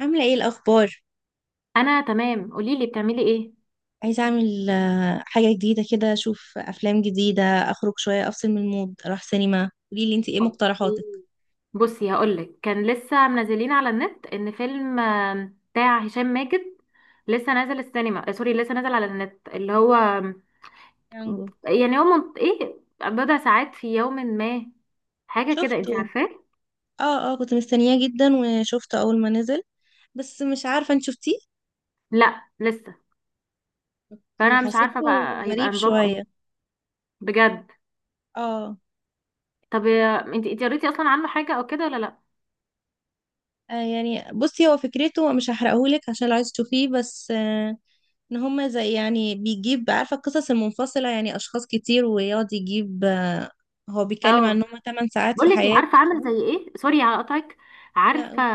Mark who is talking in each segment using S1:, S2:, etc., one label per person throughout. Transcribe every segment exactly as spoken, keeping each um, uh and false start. S1: عاملة ايه الأخبار؟
S2: انا تمام، قولي لي بتعملي ايه؟
S1: عايزة أعمل آه، حاجة جديدة كده أشوف أفلام جديدة أخرج شوية أفصل من المود أروح سينما قوليلي انتي ايه
S2: اوكي.
S1: مقترحاتك؟
S2: بصي، هقولك كان لسه منزلين على النت ان فيلم آم، بتاع هشام ماجد لسه نازل السينما، آه، سوري، لسه نازل على النت اللي هو آم،
S1: يانجو
S2: يعني هو من... ايه، بضع ساعات في يوم ما، حاجه كده،
S1: شفته.
S2: انت عارفاه.
S1: اه اه كنت مستنياه جدا وشفته أول ما نزل، بس مش عارفة انت شفتيه؟
S2: لا لسه.
S1: اوكي،
S2: فانا مش عارفه
S1: حسيته.
S2: بقى هيبقى
S1: غريب
S2: نظامه
S1: شوية.
S2: ايه. بجد.
S1: اه
S2: طب آه، انت انت قريتي اصلا عنه حاجه او كده ولا لا؟
S1: آه، يعني بصي هو فكرته مش هحرقهولك عشان لو عايز تشوفيه، بس آه، ان هما زي يعني بيجيب عارفة القصص المنفصلة، يعني أشخاص كتير ويقعد يجيب آه، هو بيتكلم عن
S2: اه،
S1: ان هما 8 ساعات في
S2: بقولك إيه، عارفه عامل زي
S1: حياتهم.
S2: ايه؟ سوري على قطعك.
S1: لا
S2: عارفه
S1: قلت.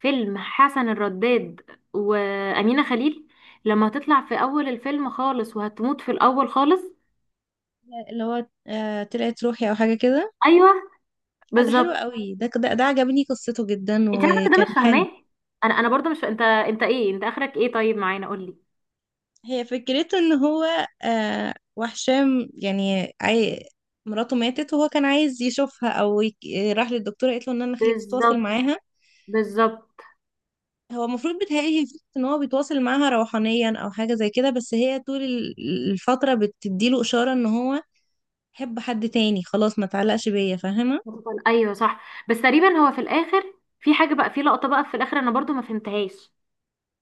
S2: فيلم حسن الرداد وأمينة خليل لما هتطلع في أول الفيلم خالص وهتموت في الأول خالص؟
S1: لا، اللي هو آه، طلعت روحي او حاجه كده.
S2: أيوه،
S1: لا ده حلو
S2: بالظبط.
S1: قوي، ده ده, ده عجبني قصته جدا
S2: أنت عارفة إن ده
S1: وكان
S2: مش
S1: حلو.
S2: فاهماه؟ أنا أنا برضه مش فا... أنت أنت إيه، أنت آخرك إيه طيب معانا؟ قولي.
S1: هي فكرته ان هو آه وحشام يعني عاي... مراته ماتت وهو كان عايز يشوفها او يك... راح للدكتوره قالت له ان انا خليك تتواصل
S2: بالظبط،
S1: معاها.
S2: بالظبط.
S1: هو المفروض بيتهيألي هي فكرة ان هو بيتواصل معاها روحانيا او حاجه زي كده، بس هي طول ال- الفتره بتديله اشاره ان هو حب حد تاني خلاص ما تعلقش بيا، فاهمه.
S2: هتفضل- أيوه صح. بس تقريبا هو في الآخر في حاجة بقى، في لقطة بقى في الآخر أنا برضه ما فهمتهاش.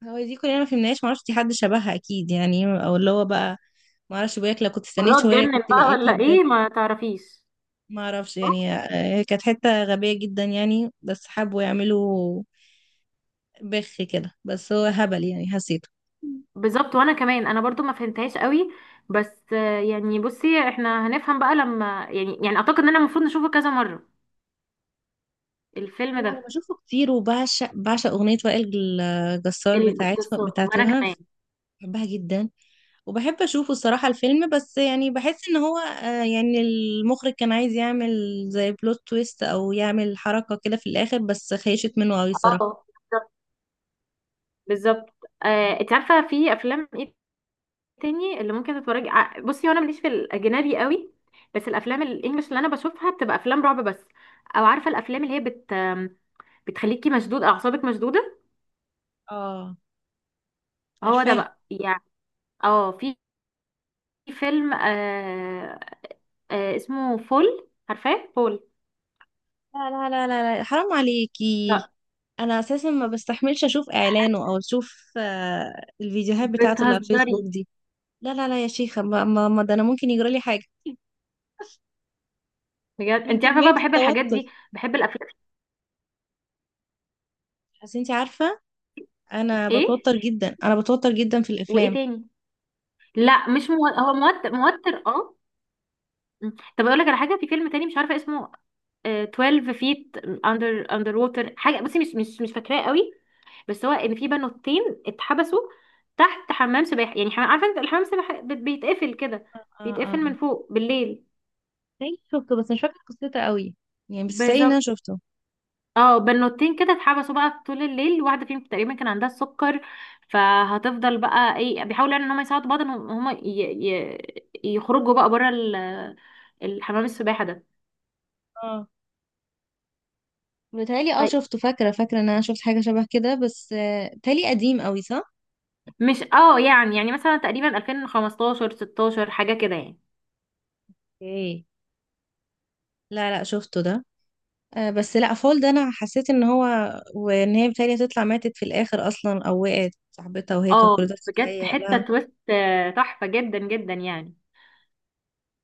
S1: هو دي كلنا ما فهمناش، معرفش دي حد شبهها اكيد يعني او اللي هو بقى معرفش، بقولك لو كنت استنيت
S2: مرات
S1: شوية
S2: اتجنن
S1: كنت
S2: بقى
S1: لقيتها
S2: ولا
S1: بجد.
S2: إيه ما تعرفيش؟
S1: معرفش يعني آه، كانت حتة غبية جدا يعني، بس حبوا يعملوا بخ كده، بس هو هبل يعني حسيته.
S2: بالظبط، وانا كمان انا برضو ما فهمتهاش قوي. بس آه، يعني بصي، احنا هنفهم بقى لما يعني يعني اعتقد ان انا المفروض نشوفه كذا مرة الفيلم
S1: انا أنا
S2: ده.
S1: بشوفه كتير وبعشق، بعشق اغنية وائل الجسار بتاعتها
S2: الجسار، وانا
S1: بتاعتها.
S2: كمان.
S1: بحبها جدا. وبحب اشوفه الصراحة الفيلم، بس يعني بحس ان هو آه، يعني المخرج كان عايز يعمل زي بلوت تويست او يعمل حركة كده في الاخر، بس خيشت منه قوي الصراحة.
S2: اه، بالظبط، بالظبط. آه، انت عارفة في افلام ايه تاني اللي ممكن تتفرجي ع- بصي وانا ماليش في الاجنبي قوي. بس الافلام الانجليش اللي انا بشوفها بتبقى افلام رعب بس، او عارفة الافلام اللي هي بت آم، بتخليكي مشدود، اعصابك مشدودة،
S1: اه
S2: هو ده
S1: عارفاها.
S2: بقى يعني. اه، في فيلم، آه، آه اسمه فول، عارفاه فول؟
S1: لا لا لا لا لا، حرام عليكي.
S2: لا.
S1: انا اساسا ما بستحملش اشوف اعلانه او اشوف آه، الفيديوهات بتاعته اللي على الفيسبوك
S2: بتهزري؟
S1: دي. لا لا لا يا شيخة ما, ما, ما ده انا ممكن يجرى لي حاجة
S2: بجد
S1: من
S2: انت عارفه
S1: كمية
S2: بقى، بحب الحاجات
S1: التوتر.
S2: دي، بحب الافلام.
S1: بس انت عارفة انا
S2: ايه
S1: بتوتر جدا، انا بتوتر جدا في
S2: وايه
S1: الافلام.
S2: تاني؟ لا مش مو... هو موتر موتر اه. م. طب اقول لك على حاجه، في فيلم تاني مش عارفه اسمه، آه اثنا عشر فيت اندر اندر ووتر، حاجه، بصي مش مش مش فاكراه قوي. بس هو ان في بنوتين اتحبسوا تحت حمام سباحه، يعني حمام، عارفه انت الحمام السباحه بت- بيتقفل كده،
S1: اه اه
S2: بيتقفل من فوق بالليل.
S1: تاني شفته، بس مش فاكرة قصته قوي. يعني مش متهيألي ان انا
S2: بالظبط،
S1: شفته.
S2: اه، بنوتين كده اتحبسوا بقى طول الليل، واحده فيهم تقريبا كان عندها السكر، فهتفضل بقى ايه بيحاولوا يعني ان هم يساعدوا بعض، ان هم ي... ي... يخرجوا بقى بره ال... الحمام السباحه ده.
S1: اه متهيألي اه
S2: طيب.
S1: شفته، فاكرة فاكرة ان انا شفت حاجة شبه كده، بس آه، متهيألي قديم قوي صح؟
S2: مش اه، يعني يعني مثلا تقريبا ألفين وخمستاشر ستاشر حاجه كده يعني.
S1: ايه. لا لا شفته ده. آه بس لا فول ده انا حسيت ان هو وان هي بتهيألي هتطلع ماتت في الاخر اصلا، او وقعت صاحبتها وهي كانت
S2: اه،
S1: كل ده
S2: بجد
S1: بتتهيأ
S2: حته
S1: لها.
S2: تويست آه، تحفه جدا جدا يعني.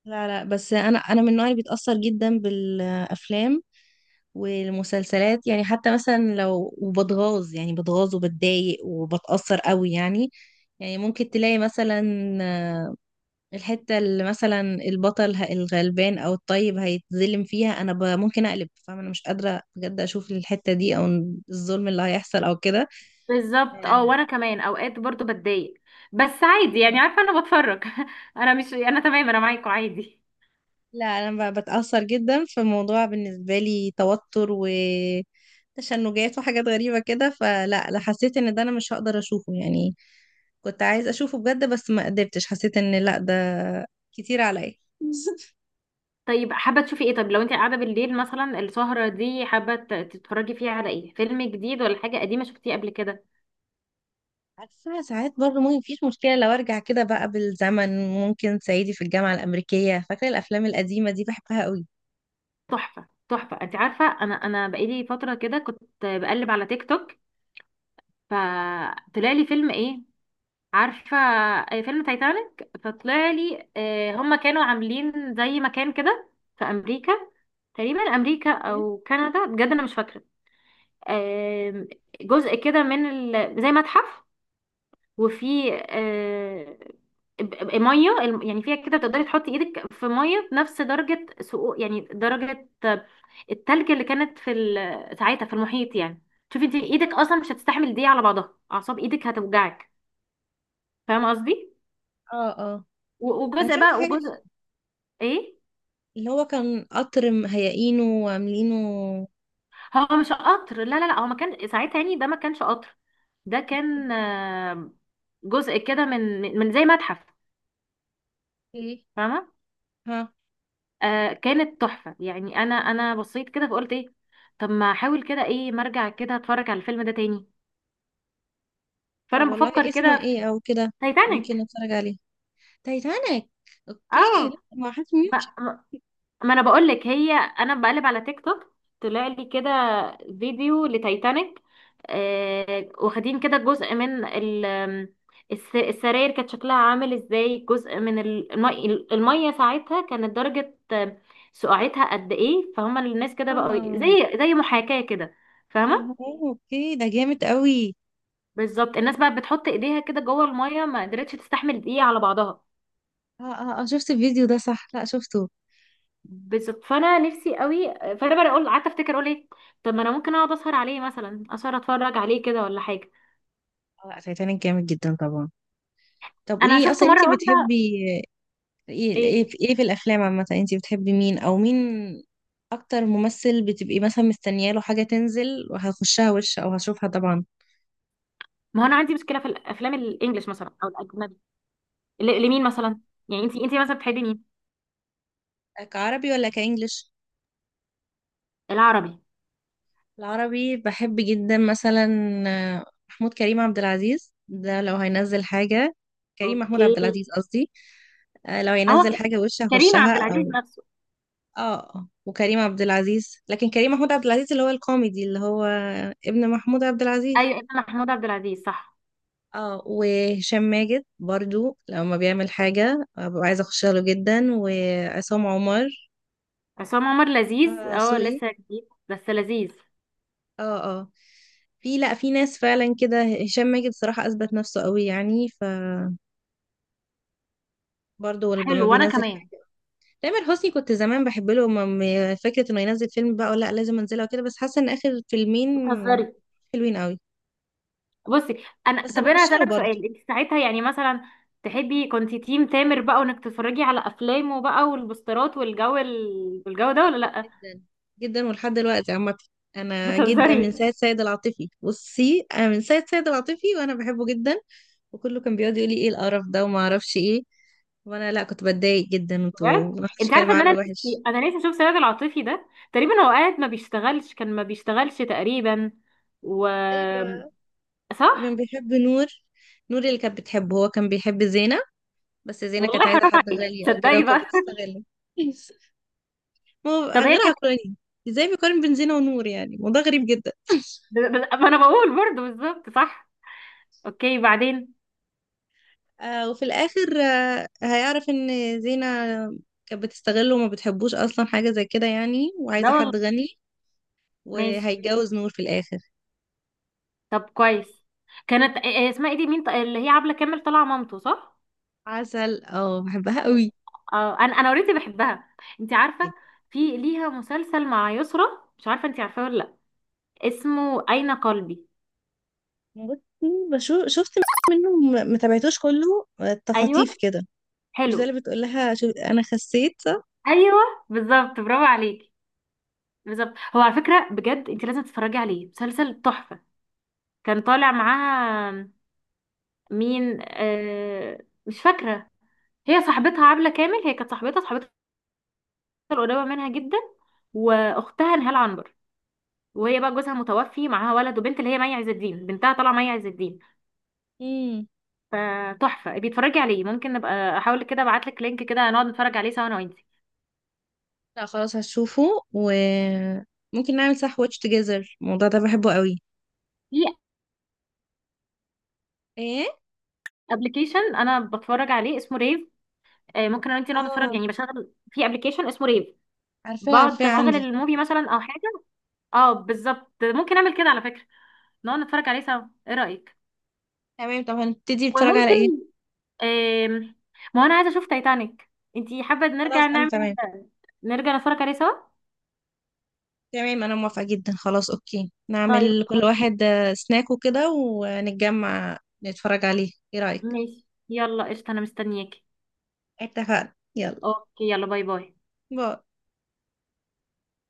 S1: لا لا بس انا انا من النوع اللي بيتأثر جدا بالافلام والمسلسلات، يعني حتى مثلا لو وبتغاظ يعني بتغاظ وبتضايق وبتأثر قوي يعني. يعني ممكن تلاقي مثلا آه، الحتة اللي مثلا البطل ه- الغلبان أو الطيب هيتظلم فيها، أنا ب- ممكن أقلب، فاهمة، أنا مش قادرة بجد أشوف الحتة دي أو الظلم اللي هيحصل أو كده.
S2: بالظبط، اه،
S1: آه،
S2: وانا كمان اوقات برضو بتضايق، بس عادي يعني. عارفه انا بتفرج انا مش انا تمام، انا معاكوا عادي.
S1: لا انا ب- بتأثر جدا في موضوع بالنسبة لي توتر وتشنجات وحاجات غريبة كده، فلا لا حسيت ان ده انا مش هقدر اشوفه يعني. كنت عايز اشوفه بجد، بس ما قدرتش، حسيت ان لا ده كتير عليا.
S2: طيب، حابة تشوفي ايه؟ طب لو انت قاعدة بالليل مثلا السهرة دي، حابة ت- تتفرجي فيها على ايه؟ فيلم جديد ولا حاجة قديمة شفتيه قبل كده؟
S1: عارفة ساعات برضه ممكن مفيش مشكلة، لو ارجع كده بقى بالزمن ممكن صعيدي في الجامعة الأمريكية، فاكرة الأفلام القديمة دي بحبها قوي.
S2: تحفة تحفة. انت عارفة انا انا بقالي فترة كده كنت بقلب على تيك توك، فطلع لي فيلم ايه؟ عارفة آه، فيلم تايتانيك. فطلع لي آه، هما كانوا عاملين زي مكان كده في امريكا، تقريبا امريكا او كندا، بجد انا مش فاكرة، آم، جزء كده من ال... زي متحف، وفي آه، ب- ب- ميه، الم- يعني فيها كده تقدري تحطي ايدك في ميه بنفس درجه سقوط، يعني درجه التلج اللي كانت في ال- ساعتها في المحيط يعني. شوفي انت ايدك اصلا مش هتستحمل دي على بعضها، اعصاب ايدك هتوجعك، فاهمه قصدي؟
S1: اه اه
S2: و-
S1: انا
S2: وجزء
S1: شفت
S2: بقى،
S1: حاجة
S2: وجزء. ايه.
S1: اللي هو كان قطر مهيئينه وعاملينه.
S2: هو مش قطر، لا لا لا، هو ما كان ساعتها يعني، ده ما كانش قطر، ده كان آه، جزء كده من من من زي متحف،
S1: ايه
S2: فاهمه؟
S1: ها.
S2: آه كانت تحفة يعني. انا انا بصيت كده فقلت ايه؟ طب ما احاول كده ايه، ما ارجع كده اتفرج على الفيلم ده تاني.
S1: طب
S2: فانا
S1: والله
S2: بفكر
S1: اسمه
S2: كده في
S1: ايه او كده؟ ممكن
S2: تايتانيك.
S1: اتفرج عليه. تايتانيك. اوكي. لا،
S2: اه،
S1: ما حاسس مين مش
S2: ما,
S1: عارفة.
S2: ما ما انا بقول لك، هي انا بقلب على تيك توك، طلع لي كده فيديو لتايتانيك، آه واخدين كده جزء من ال آم، الس- السراير كانت شكلها عامل ازاي، جزء من ال- المي المية ساعتها كانت درجة آه، سقعتها قد ايه، فهم الناس كده بقوا
S1: اه
S2: زي زي محاكاة كده، فاهمة؟
S1: اوكي ده جامد قوي.
S2: بالظبط، الناس بقى بتحط ايديها كده جوه الميه، ما قدرتش تستحمل دقيقه على بعضها.
S1: اه اه اه شفت الفيديو ده صح؟ لا شفته.
S2: بالظبط، فانا نفسي قوي، فانا بقى اقول قعدت افتكر اقول ايه، طب ما انا ممكن اقعد اسهر عليه مثلا، اسهر اتفرج عليه كده ولا حاجه.
S1: اه لا تايتانيك جامد جدا طبعا. طب
S2: انا
S1: قولي لي
S2: شفت
S1: اصلا انت
S2: مره واحده.
S1: بتحبي ايه ايه
S2: ايه،
S1: في إيه في الافلام عامه؟ انت بتحبي مين او مين، اكتر ممثل بتبقي مثلا مستنياله حاجه تنزل وهخشها وش او هشوفها طبعا؟
S2: ما هو انا عندي مشكله في الافلام الانجليش مثلا او الاجنبي. ل- لمين مثلا؟ يعني انت انت مثلا بتحبي مين؟
S1: كعربي ولا كانجليش؟
S2: العربي.
S1: العربي بحب جدا مثلا آه، محمود كريم عبد العزيز ده لو هينزل حاجة، كريم محمود
S2: اوكي.
S1: عبد العزيز قصدي، آه، لو
S2: هو
S1: هينزل
S2: ك-
S1: حاجة وش
S2: كريم عبد
S1: هخشها
S2: العزيز
S1: او
S2: نفسه؟
S1: اه. وكريم عبد العزيز، لكن كريم محمود عبد العزيز اللي هو الكوميدي اللي هو ابن محمود عبد العزيز.
S2: ايوه، إمام محمود عبد العزيز، صح؟
S1: اه وهشام ماجد برضو لما بيعمل حاجة آه، ببقى عايزة اخشها له جدا، وعصام عمر.
S2: عصام عمر لذيذ،
S1: آه
S2: اه،
S1: سوقي.
S2: لسه جديد بس لذيذ.
S1: اه اه في لا في ناس فعلا كده هشام ماجد صراحة اثبت نفسه قوي يعني برضه لما
S2: حلو، وانا
S1: بينزل.
S2: كمان.
S1: تامر حسني كنت زمان بحب له م- م- فكره انه ينزل فيلم بقى ولا لا لازم انزله وكده، بس حاسه ان اخر فيلمين
S2: بتهزري؟
S1: حلوين قوي.
S2: بصي انا،
S1: بس
S2: طب انا
S1: بخش له
S2: هسألك
S1: برضه.
S2: سؤال، انت ساعتها يعني مثلا، تحبي كنتي تيم تامر بقى، وانك تتفرجي على افلامه بقى والبوسترات والجو ال... والجو ده ولا لا؟
S1: جدا، جدا ولحد دلوقتي عامه. انا جدا من
S2: بتهزري؟
S1: ساعه سيد العاطفي، بصي انا من ساعه سيد العاطفي وانا بحبه جدا. وكله كان بيقعد يقول لي ايه القرف ده وما اعرفش ايه، وانا لا كنت بتضايق جدا،
S2: بجد
S1: انتوا ما حدش
S2: انت
S1: كلام
S2: عارفه ان انا
S1: عنه وحش.
S2: نفسي، انا نفسي اشوف سيد العاطفي ده. تقريبا هو قاعد ما بيشتغلش، كان ما بيشتغلش تقريبا، و،
S1: ايوه كان
S2: صح.
S1: بيحب نور، نور اللي كانت بتحبه، هو كان بيحب زينة. بس زينة كانت
S2: والله
S1: عايزة
S2: حرام
S1: حد
S2: عليك،
S1: غني او كده
S2: تصدقي
S1: وكانت
S2: بقى.
S1: بتستغله. ما هو
S2: طب هي
S1: غير
S2: كانت
S1: عقلاني، ازاي بيقارن بين زينة ونور؟ يعني الموضوع غريب جدا.
S2: ب- ب- ما انا بقول برضه بالظبط، صح. اوكي، بعدين.
S1: آه وفي الاخر آه هيعرف ان زينة كانت بتستغله وما بتحبوش اصلا حاجة زي كده يعني،
S2: لا
S1: وعايزة
S2: والله.
S1: حد غني،
S2: ماشي.
S1: وهيتجوز نور في الاخر.
S2: طب كويس. كانت إيه، إيه اسمها ايه دي، مين، ط- اللي هي عبلة كامل طالعة مامته، صح؟
S1: عسل اه بحبها قوي.
S2: اه، انا انا اوريدي بحبها. انت عارفة
S1: جدا.
S2: في ليها مسلسل مع يسرا؟ مش عارفة انت عارفاه ولا لا، اسمه أين قلبي.
S1: بصي بشوف، شفت منه، ما ما تابعتوش كله آه،
S2: ايوه،
S1: تخاطيف كده. مش ده
S2: حلو.
S1: اللي بتقول لها شو... انا خسيت صح؟
S2: ايوه، بالظبط، برافو عليكي. بالظبط، هو على فكرة بجد انت لازم تتفرجي عليه، مسلسل تحفة. كان طالع معاها مين، آه مش فاكرة. هي صاحبتها عبلة كامل، هي كانت صاحبتها صاحبتها القريبة منها جدا، واختها نهال عنبر، وهي بقى جوزها متوفي، معاها ولد وبنت، اللي هي مي عز الدين بنتها، طالعه مي عز الدين.
S1: مم.
S2: فتحفه، بيتفرجي عليه، ممكن نبقى احاول كده ابعت لك لينك كده نقعد نتفرج عليه سوا انا وانتي.
S1: لا خلاص هشوفه. وممكن نعمل صح واتش توجذر، الموضوع ده بحبه قوي.
S2: في
S1: ايه
S2: ابلكيشن انا بتفرج عليه اسمه ريف، آه، ممكن انا وانتي نقعد
S1: اه
S2: نتفرج يعني، بشغل في ابلكيشن اسمه ريف،
S1: عارفاه،
S2: بقعد
S1: عارفاه صح؟
S2: اشغل
S1: عندي.
S2: الموفي مثلا او حاجه. اه، بالظبط، ممكن اعمل كده على فكره، نقعد نتفرج عليه سوا، ايه رايك؟
S1: تمام. طب هنبتدي نتفرج على
S2: وممكن
S1: ايه؟
S2: آم، ما هو انا عايزه اشوف تايتانيك. انتي حابه نرجع
S1: خلاص انا
S2: نعمل،
S1: تمام.
S2: نرجع نتفرج عليه سوا؟
S1: تمام انا موافقة جدا. خلاص اوكي
S2: طيب،
S1: نعمل كل واحد آه، سناك وكده ونتجمع نتفرج عليه، ايه رأيك؟
S2: ماشي، يلا قشطة، انا مستنياكي.
S1: اتفقنا، يلا
S2: اوكي، يلا، باي باي.
S1: باي.